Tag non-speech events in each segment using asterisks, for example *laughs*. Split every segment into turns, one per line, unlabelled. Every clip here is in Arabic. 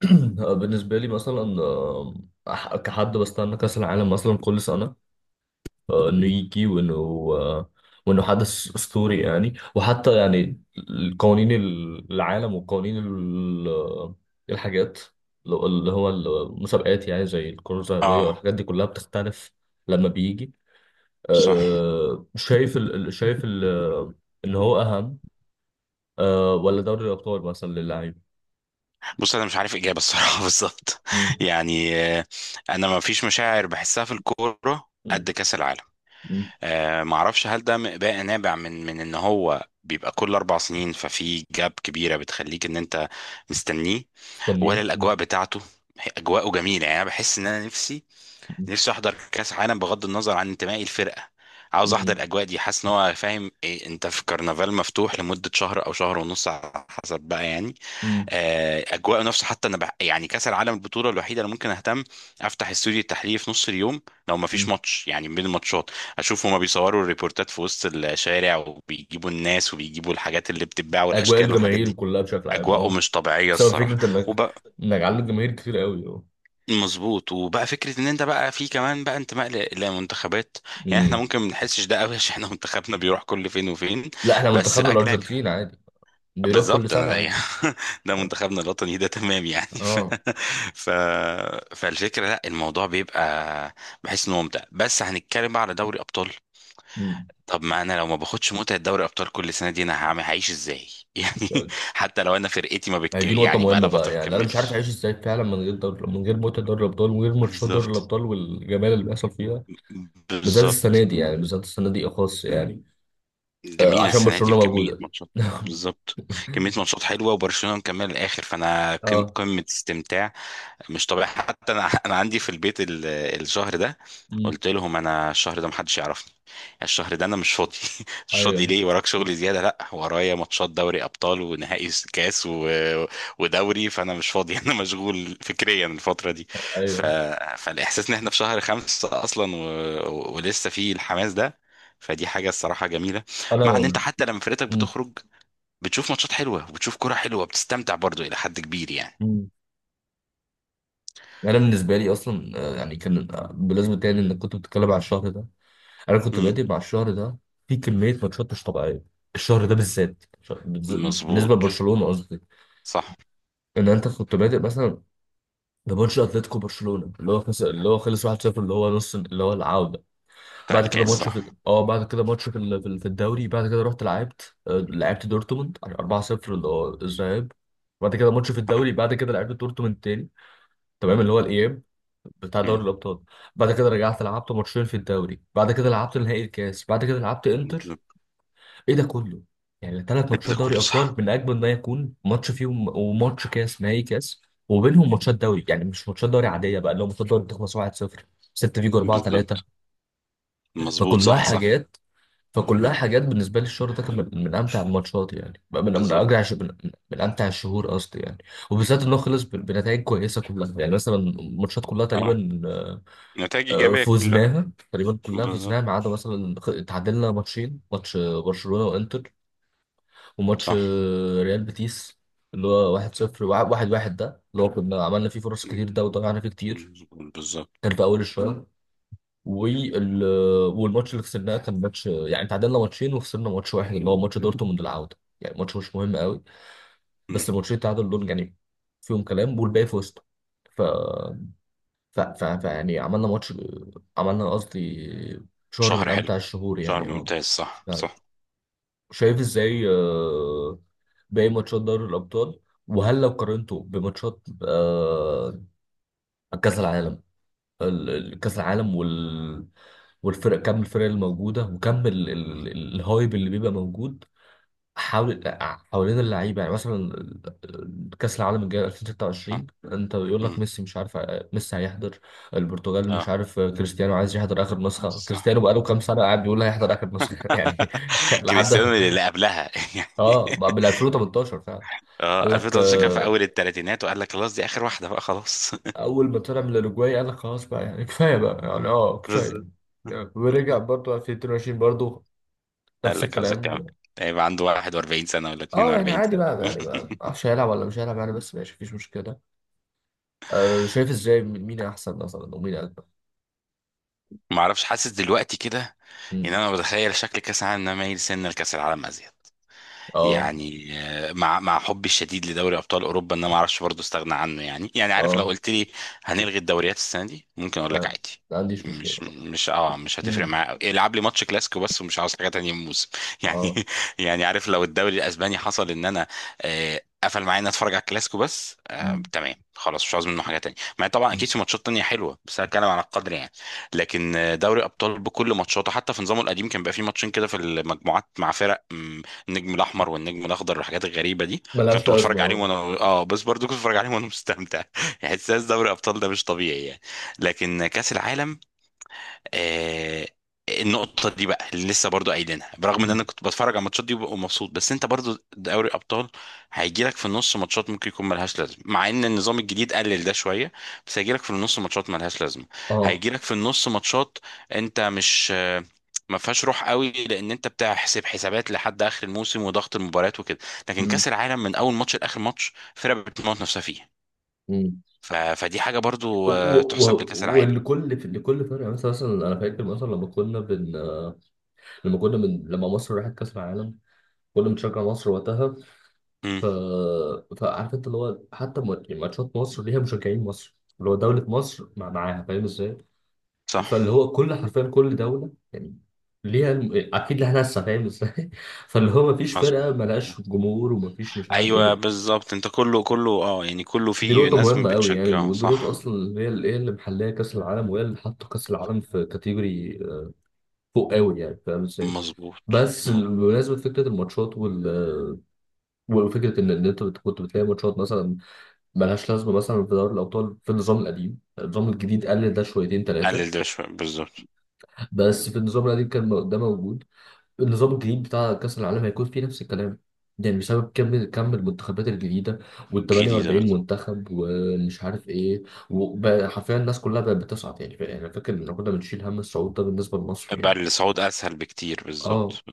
*clears throat* بالنسبة لي مثلا، كحد بستنى كأس العالم مثلا كل سنة. إنه يجي آه، وإنه حدث أسطوري يعني. وحتى يعني القوانين، العالم وقوانين الحاجات، اللي هو المسابقات، يعني زي الكرة الذهبية
اه،
والحاجات دي كلها بتختلف لما بيجي.
صح.
آه، شايف ال... ال- شايف ال... إن هو أهم، ولا دوري الأبطال مثلا للعيب.
بص، انا مش عارف اجابه الصراحه *laughs* بالظبط.
مم.
يعني انا ما فيش مشاعر بحسها في الكوره
مم.
قد كاس العالم.
مم.
ما اعرفش هل ده بقى نابع من ان هو بيبقى كل اربع سنين، ففي جاب كبيره بتخليك ان انت مستنيه، ولا
مستنيه. مم.
الاجواء بتاعته. اجواءه جميله، يعني انا بحس ان انا نفسي احضر كاس عالم بغض النظر عن انتمائي الفرقه. عاوز احضر
مم.
الاجواء دي، حاسس ان هو فاهم إيه، انت في كرنفال مفتوح لمده شهر او شهر ونص على حسب بقى يعني.
مم.
اجواءه نفسه، حتى انا يعني كاس العالم البطوله الوحيده اللي ممكن اهتم افتح استوديو التحليل في نص اليوم لو ما فيش
مم.
ماتش يعني بين الماتشات، اشوف هما بيصوروا الريبورتات في وسط الشارع وبيجيبوا الناس وبيجيبوا الحاجات اللي بتتباع
اجواء
والاشكال والحاجات
الجماهير
دي.
كلها بشكل عام،
اجواءه
اه،
مش طبيعيه
بسبب
الصراحه.
فكره انك
وبقى
انك عندك جماهير كتير قوي، اه.
مظبوط، وبقى فكره ان انت بقى في كمان بقى انتماء لمنتخبات. يعني احنا
مم.
ممكن ما نحسش ده قوي *laughs* عشان احنا منتخبنا بيروح كل فين وفين.
لا، احنا
بس
منتخبنا
بقى كده،
الارجنتين عادي، بيروح كل
بالظبط انا
سنه
ده
عادي.
*laughs* ده
اه.
منتخبنا الوطني ده تمام يعني *laughs* ف...
اه.
ف... فالفكره لا الموضوع بيبقى، بحس انه ممتع. بس هنتكلم بقى على دوري ابطال.
مم.
طب ما انا لو ما باخدش متعه دوري ابطال كل سنه دي انا هعيش ازاي *laughs* يعني، حتى لو انا فرقتي ما
يعني
بتك...
دي نقطه
يعني بقى
مهمه
لها فتره
بقى،
ما
يعني انا مش عارف
بتكملش.
اعيش ازاي فعلا من غير دوري، من غير متعه دوري الابطال، ومن غير ماتشات دوري
بالظبط،
الابطال والجمال اللي بيحصل فيها. بالذات السنه
بالظبط.
دي يعني، بالذات السنه دي اخص يعني.
جميل
عشان
السنه دي
برشلونه
بكميه
موجوده.
ماتشات.
*laughs*
بالظبط، كميه ماتشات حلوه وبرشلونه مكمل الاخر، فانا
اه.
قمه استمتاع مش طبيعي. حتى انا عندي في البيت الشهر ده،
مم.
قلت لهم انا الشهر ده محدش يعرفني. يعني الشهر ده انا مش فاضي *laughs* مش فاضي
ايوه،
ليه، وراك شغل زياده؟ لا، ورايا ماتشات دوري ابطال ونهائي كاس ودوري، فانا مش فاضي *laughs* انا مشغول فكريا الفتره دي. ف...
ايوه،
فالاحساس ان احنا في شهر خمسة اصلا ولسه في الحماس ده، فدي حاجه الصراحه جميله. مع ان انت
انا.
حتى لما فرقتك
مم.
بتخرج بتشوف ماتشات حلوه وبتشوف كرة حلوه، بتستمتع برضو الى حد كبير يعني.
مم. يعني انا بالنسبه لي اصلا، آه، يعني كان آه، بالنسبه تاني انك كنت بتتكلم على الشهر ده. انا كنت
مم.
بادئ مع الشهر ده في كميه ماتشات مش طبيعيه. الشهر ده بالذات،
مظبوط.
بالنسبه لبرشلونه قصدي،
صح.
ان انت كنت بادئ مثلا بماتش اتلتيكو برشلونه، اللي هو خلص 1-0، اللي هو نص، اللي هو العوده.
بتاع
بعد كده
الكاس
ماتش في
صح.
اه بعد كده ماتش في الدوري. بعد كده رحت لعبت، لعبت دورتموند 4-0، اللي هو الذهاب. بعد كده ماتش في الدوري،
*laughs*
بعد كده لعبت دورتموند تاني، تمام، اللي هو الاياب بتاع
مم.
دوري الابطال. بعد كده رجعت لعبت ماتشين في الدوري، بعد كده لعبت نهائي الكاس، بعد كده لعبت انتر.
بالظبط.
ايه ده كله؟ يعني ثلاث ماتشات
ده
دوري
كله
ابطال
صح.
من اجمل ما يكون ماتش فيهم، وماتش كاس، نهائي كاس. وبينهم ماتشات دوري، يعني مش ماتشات دوري عاديه بقى، اللي هو ماتشات دوري بتخلص 1-0، 6 فيجو 4-3.
بالظبط. مظبوط،
فكلها
صح صح.
حاجات فكلها حاجات بالنسبه لي، الشهر ده كان من امتع الماتشات، يعني بقى من اجرع،
بالظبط.
من امتع الشهور قصدي، يعني. وبالذات انه خلص بنتائج كويسه كلها، يعني مثلا الماتشات كلها
اه،
تقريبا،
نتائج إيجابية كلها.
فوزناها تقريبا، كلها
بالظبط.
فوزناها ما عدا مثلا، اتعادلنا ماتشين، ماتش برشلونة وانتر، وماتش
صح.
ريال بيتيس اللي هو 1-0، وع- 1-1، ده اللي هو كنا عملنا فيه فرص كتير، ده وضيعنا فيه كتير.
مم. مم. بالظبط.
كان في اول الشوط. وال والماتش اللي خسرناه كان ماتش، يعني تعادلنا ماتشين وخسرنا ماتش واحد، اللي هو ماتش دورتموند العودة، يعني ماتش مش مهم قوي.
مم.
بس الماتشين التعادل دول يعني فيهم كلام، والباقي فزت. ف ف... ف... ف يعني عملنا ماتش، عملنا قصدي، شهر
شهر
من
حلو،
امتع الشهور،
شهر
يعني اه.
ممتاز، صح
فعلا.
صح.
شايف ازاي، باقي ماتشات دوري الابطال. وهل لو قارنته بماتشات آه، كاس العالم، كاس العالم والفرق؟ كم الفرق الموجوده، وكم
مم.
الهايب اللي بيبقى موجود حاول حوالين اللعيبه. يعني مثلا، كاس العالم الجاي
صح.
2026 انت بيقول
مم.
لك ميسي مش عارف، ميسي هيحضر. البرتغال مش
اه،
عارف كريستيانو عايز يحضر اخر نسخه،
صح.
كريستيانو بقاله كام سنه قاعد بيقول هيحضر اخر نسخه، *laughs* يعني.
*laughs*
لحد،
كريستيانو اللي قبلها *laughs* يعني.
اه، من 2018 فعلا. قال
اه،
لك،
2013 كان في اول الثلاثينات وقال لك خلاص دي اخر واحده بقى خلاص.
اول ما طلع من الاوروجواي قال لك خلاص بقى يعني، *laughs* كفايه بقى، يعني اه
*laughs*
كفايه.
بالظبط.
ورجع برضه 2022 برضه،
قال
نفس
لك عاوزك كام؟
الكلام.
هيبقى عنده 41 سنة ولا
اه يعني
42
عادي
سنة
بقى، يعني
*laughs*
بقى معرفش هيلعب ولا مش هيلعب يعني، بس ماشي مفيش مشكله. أه شايف ازاي، مين احسن مثلا ومين اجمل؟
ما اعرفش، حاسس دلوقتي كده ان
امم.
انا بتخيل شكل كاس العالم إن انا مايل سنة لكاس العالم ازيد.
اه.
يعني مع حبي الشديد لدوري ابطال اوروبا، ان انا ما اعرفش برضه استغنى عنه يعني. يعني عارف، لو
اه.
قلت لي هنلغي الدوريات السنه دي، ممكن اقول لك
فاهم.
عادي.
ما عنديش مشكله.
مش هتفرق
امم.
معايا أوي. العب لي ماتش كلاسيكو بس، ومش عاوز حاجه تانية من الموسم *laughs* يعني.
اه.
يعني عارف، لو الدوري الاسباني حصل ان انا قفل معايا ان اتفرج على الكلاسيكو بس، آه
مم.
تمام خلاص مش عاوز منه حاجه تانية، مع إن طبعا
مم.
اكيد في ماتشات تانية حلوه، بس انا بتكلم على القدر يعني. لكن دوري ابطال بكل ماتشاته حتى في نظامه القديم كان بيبقى فيه ماتشين كده في المجموعات مع فرق، النجم الاحمر والنجم الاخضر والحاجات الغريبه دي،
ملهاش
كنت
لازمه،
بتفرج عليهم
اه.
وانا، اه بس برضو كنت بتفرج عليهم وانا مستمتع *laughs* يعني. احساس دوري ابطال ده مش طبيعي يعني. لكن كاس العالم، آه، النقطة دي بقى اللي لسه برضو قايلينها، برغم ان
مم.
انا كنت بتفرج على الماتشات دي وببقى مبسوط، بس انت برضو دوري ابطال هيجيلك في النص ماتشات ممكن يكون ملهاش لازمة، مع ان النظام الجديد قلل ده شوية، بس هيجيلك في النص ماتشات ملهاش لازمة،
اه.
هيجيلك في النص ماتشات انت مش ما فيهاش روح قوي، لان انت بتحسب حسابات لحد اخر الموسم وضغط المباريات وكده. لكن
مم.
كاس العالم من اول ماتش لاخر ماتش فرقة بتموت نفسها فيه.
مم.
فدي حاجة برضو تحسب لكاس العالم.
والكل لكل فرقه. مثلا، انا فاكر مثلا، لما كنا بن لما كنا من لما مصر راحت كاس العالم، كنا بنشجع مصر وقتها.
امم،
ف فعارف انت اللي هو حتى، يعني ماتشات مصر ليها مشجعين مصر، اللي هو دوله مصر مع معاها، فاهم ازاي؟
صح.
فاللي هو كل، حرفيا كل دولة يعني ليها أكيد لها ناسها، فاهم ازاي؟ *laughs* فاللي هو مفيش
مظبوط.
فرقة ملهاش جمهور، ومفيش مش عارف
ايوه
إيه.
بالظبط، انت كله كله اه يعني كله
دي
فيه
نقطة
ناس
مهمة قوي يعني،
بتشجعه،
ودي نقطة
صح.
أصلا هي اللي محلية كأس العالم، وهي اللي حاطة كأس العالم في كاتيجوري، فوق قوي، يعني فاهم ازاي؟
مظبوط.
بس
مظبوط.
بمناسبة فكرة الماتشات وال آه، وفكرة إن أنت، كنت بتلاقي ماتشات مثلا ملهاش لازمة، مثلا في دوري الأبطال في النظام القديم، النظام الجديد قلل ده شويتين تلاتة،
قلل ده شويه بالظبط.
بس في النظام القديم كان ده موجود. النظام الجديد بتاع كأس العالم هيكون فيه نفس الكلام، يعني بسبب كم المنتخبات الجديدة، وال
الجديده
48
بالظبط.
منتخب ومش عارف ايه، وبقى حرفيا الناس كلها بقت بتصعد يعني. انا فاكر ان كنا بنشيل هم الصعود ده بالنسبة لمصر،
بقى
يعني
الصعود اسهل بكتير
اه.
بالظبط.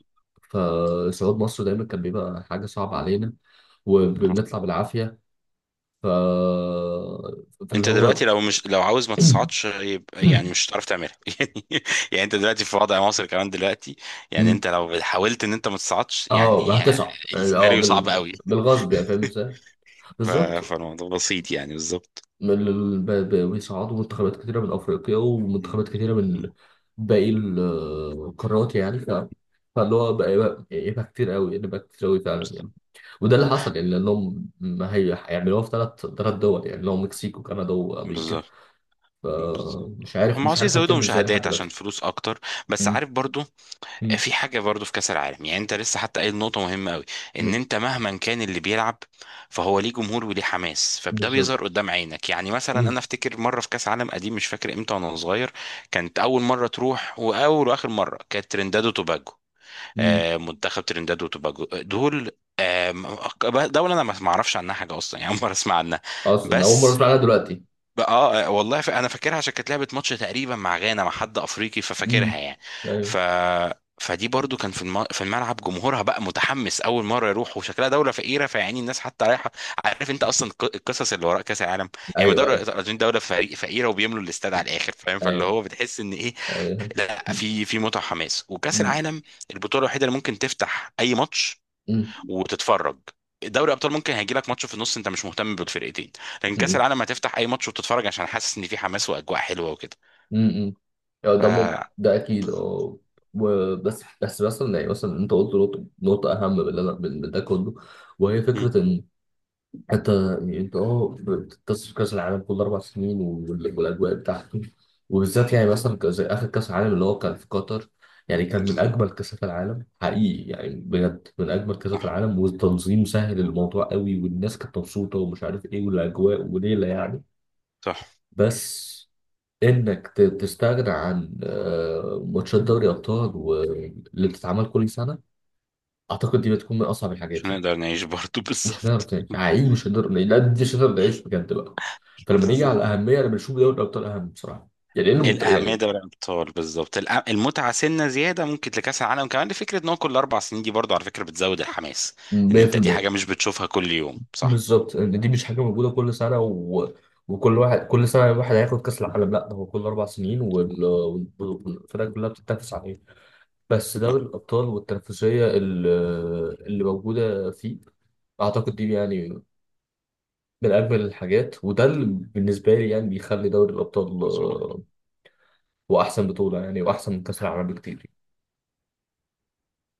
فصعود مصر دايما كان بيبقى حاجة صعبة علينا،
آه.
وبنطلع بالعافية. ف فاللي
انت دلوقتي
هو
لو مش لو عاوز ما تصعدش، يبقى يعني مش
*clears throat*
هتعرف تعملها *laughs* يعني. يعني انت دلوقتي في وضع مصر كمان دلوقتي، يعني انت لو حاولت ان انت ما تصعدش
اه
يعني،
هتصعد يعني، اه،
السيناريو صعب قوي.
بالغصب، يعني فاهم ازاي؟
*laughs* ف-
بالظبط.
فالموضوع بسيط يعني بالظبط.
من بيصعدوا منتخبات كتيرة من أفريقيا،
مم.
ومنتخبات كتيرة من
مم.
باقي القارات، يعني. فاللي هو بقى يبقى كتير قوي، يعني بقى كتير قوي فعلا، يعني.
بالظبط.
وده اللي حصل، يعني لأنهم ما هي هيعملوها في ثلاث دول، يعني اللي هو مكسيك وكندا وأمريكا.
بالظبط. بالظبط.
فمش عارف
هم
مش
عاوزين
عارف
يزودوا
هتتم ازاي لحد
مشاهدات عشان
دلوقتي.
فلوس اكتر، بس
مم.
عارف برضو
مم.
في حاجه برضو في كاس العالم. يعني انت لسه حتى قايل نقطه مهمه قوي، ان
مم.
انت مهما كان اللي بيلعب فهو ليه جمهور وليه حماس، فده
بالظبط.
بيظهر قدام عينك. يعني مثلا
مم.
انا افتكر مره في كاس عالم قديم، مش فاكر امتى وانا صغير، كانت اول مره تروح، واول واخر مره، كانت ترينداد وتوباجو.
مم.
منتخب ترينداد وتوباجو دول، دولة أنا ما أعرفش عنها حاجة أصلا يعني، أول مرة أسمع عنها.
أصلا أول مرة
بس
أسمع عنها دلوقتي.
بقى اه، والله، انا فاكرها عشان كانت لعبه ماتش تقريبا مع غانا مع حد افريقي، ففاكرها
مم.
يعني.
أيوه.
ف فدي برضو كان في في الملعب جمهورها بقى متحمس اول مره يروح، وشكلها دوله فقيره، فيعني الناس حتى رايحه. عارف انت اصلا القصص اللي وراء كاس العالم. يعني ما
أيوه.
دوله
أيوه.
الارجنتين دوله فريق فقيره، وبيملوا الاستاد على الاخر، فاهم، فاللي
أيوه.
هو بتحس ان ايه؟
أيوه.
لا، في في متعه وحماس، وكاس
مم.
العالم البطوله الوحيده اللي ممكن تفتح اي ماتش
مم.
وتتفرج. دوري ابطال ممكن هيجي لك ماتش في النص انت مش مهتم بالفرقتين، لكن كاس
مم.
العالم هتفتح اي ماتش وتتفرج عشان حاسس ان في حماس واجواء حلوه وكده.
امم. يعني
ف
ده، ده اكيد،
بالظبط.
اه. بس مثلا، انت قلت نقطة، أهم من اللي أنا، من ده كله، وهي
مم.
فكرة إن أنت، يعني أنت أه بتتصل كأس العالم كل 4 سنين، والأجواء بتاعته، وبالذات يعني مثلا، زي آخر كأس العالم اللي هو كان في قطر. يعني كان من
بالظبط.
أجمل كأسات العالم، حقيقي يعني، بجد من أجمل كأسات
صح
العالم، والتنظيم سهل الموضوع قوي، والناس كانت مبسوطة ومش عارف إيه، والأجواء وليلة يعني.
صح.
بس انك، تستغنى عن، ماتشات دوري ابطال اللي بتتعمل كل سنه، اعتقد دي بتكون من اصعب الحاجات
عشان
يعني.
نقدر نعيش برضه *laughs*
مش
بالظبط.
هنعرف نعيش حقيقي، مش هنقدر نعيش، لا دي مش هنقدر نعيش بجد بقى. فلما نيجي على
بالظبط.
الاهميه، انا بشوف دوري الابطال اهم بصراحه، يعني انه،
الأهمية
يعني
دوري الأبطال بالظبط. المتعة سنة زيادة ممكن لكأس العالم كمان، لفكرة إن هو كل أربع سنين دي برضه على فكرة بتزود الحماس، إن أنت دي
100%.
حاجة مش بتشوفها كل يوم، صح؟
بالظبط. ان دي مش حاجه موجوده كل سنه، وكل واحد، كل سنه واحد هياخد كاس العالم، لا ده هو كل 4 سنين، والفرق كلها بتتنافس عليه. بس
صح،
دوري الأبطال والتنافسية اللي موجودة فيه، أعتقد دي يعني من أجمل الحاجات، وده اللي بالنسبة لي يعني بيخلي دوري الأبطال،
مظبوط.
هو أحسن بطولة يعني، وأحسن من كأس العالم بكتير.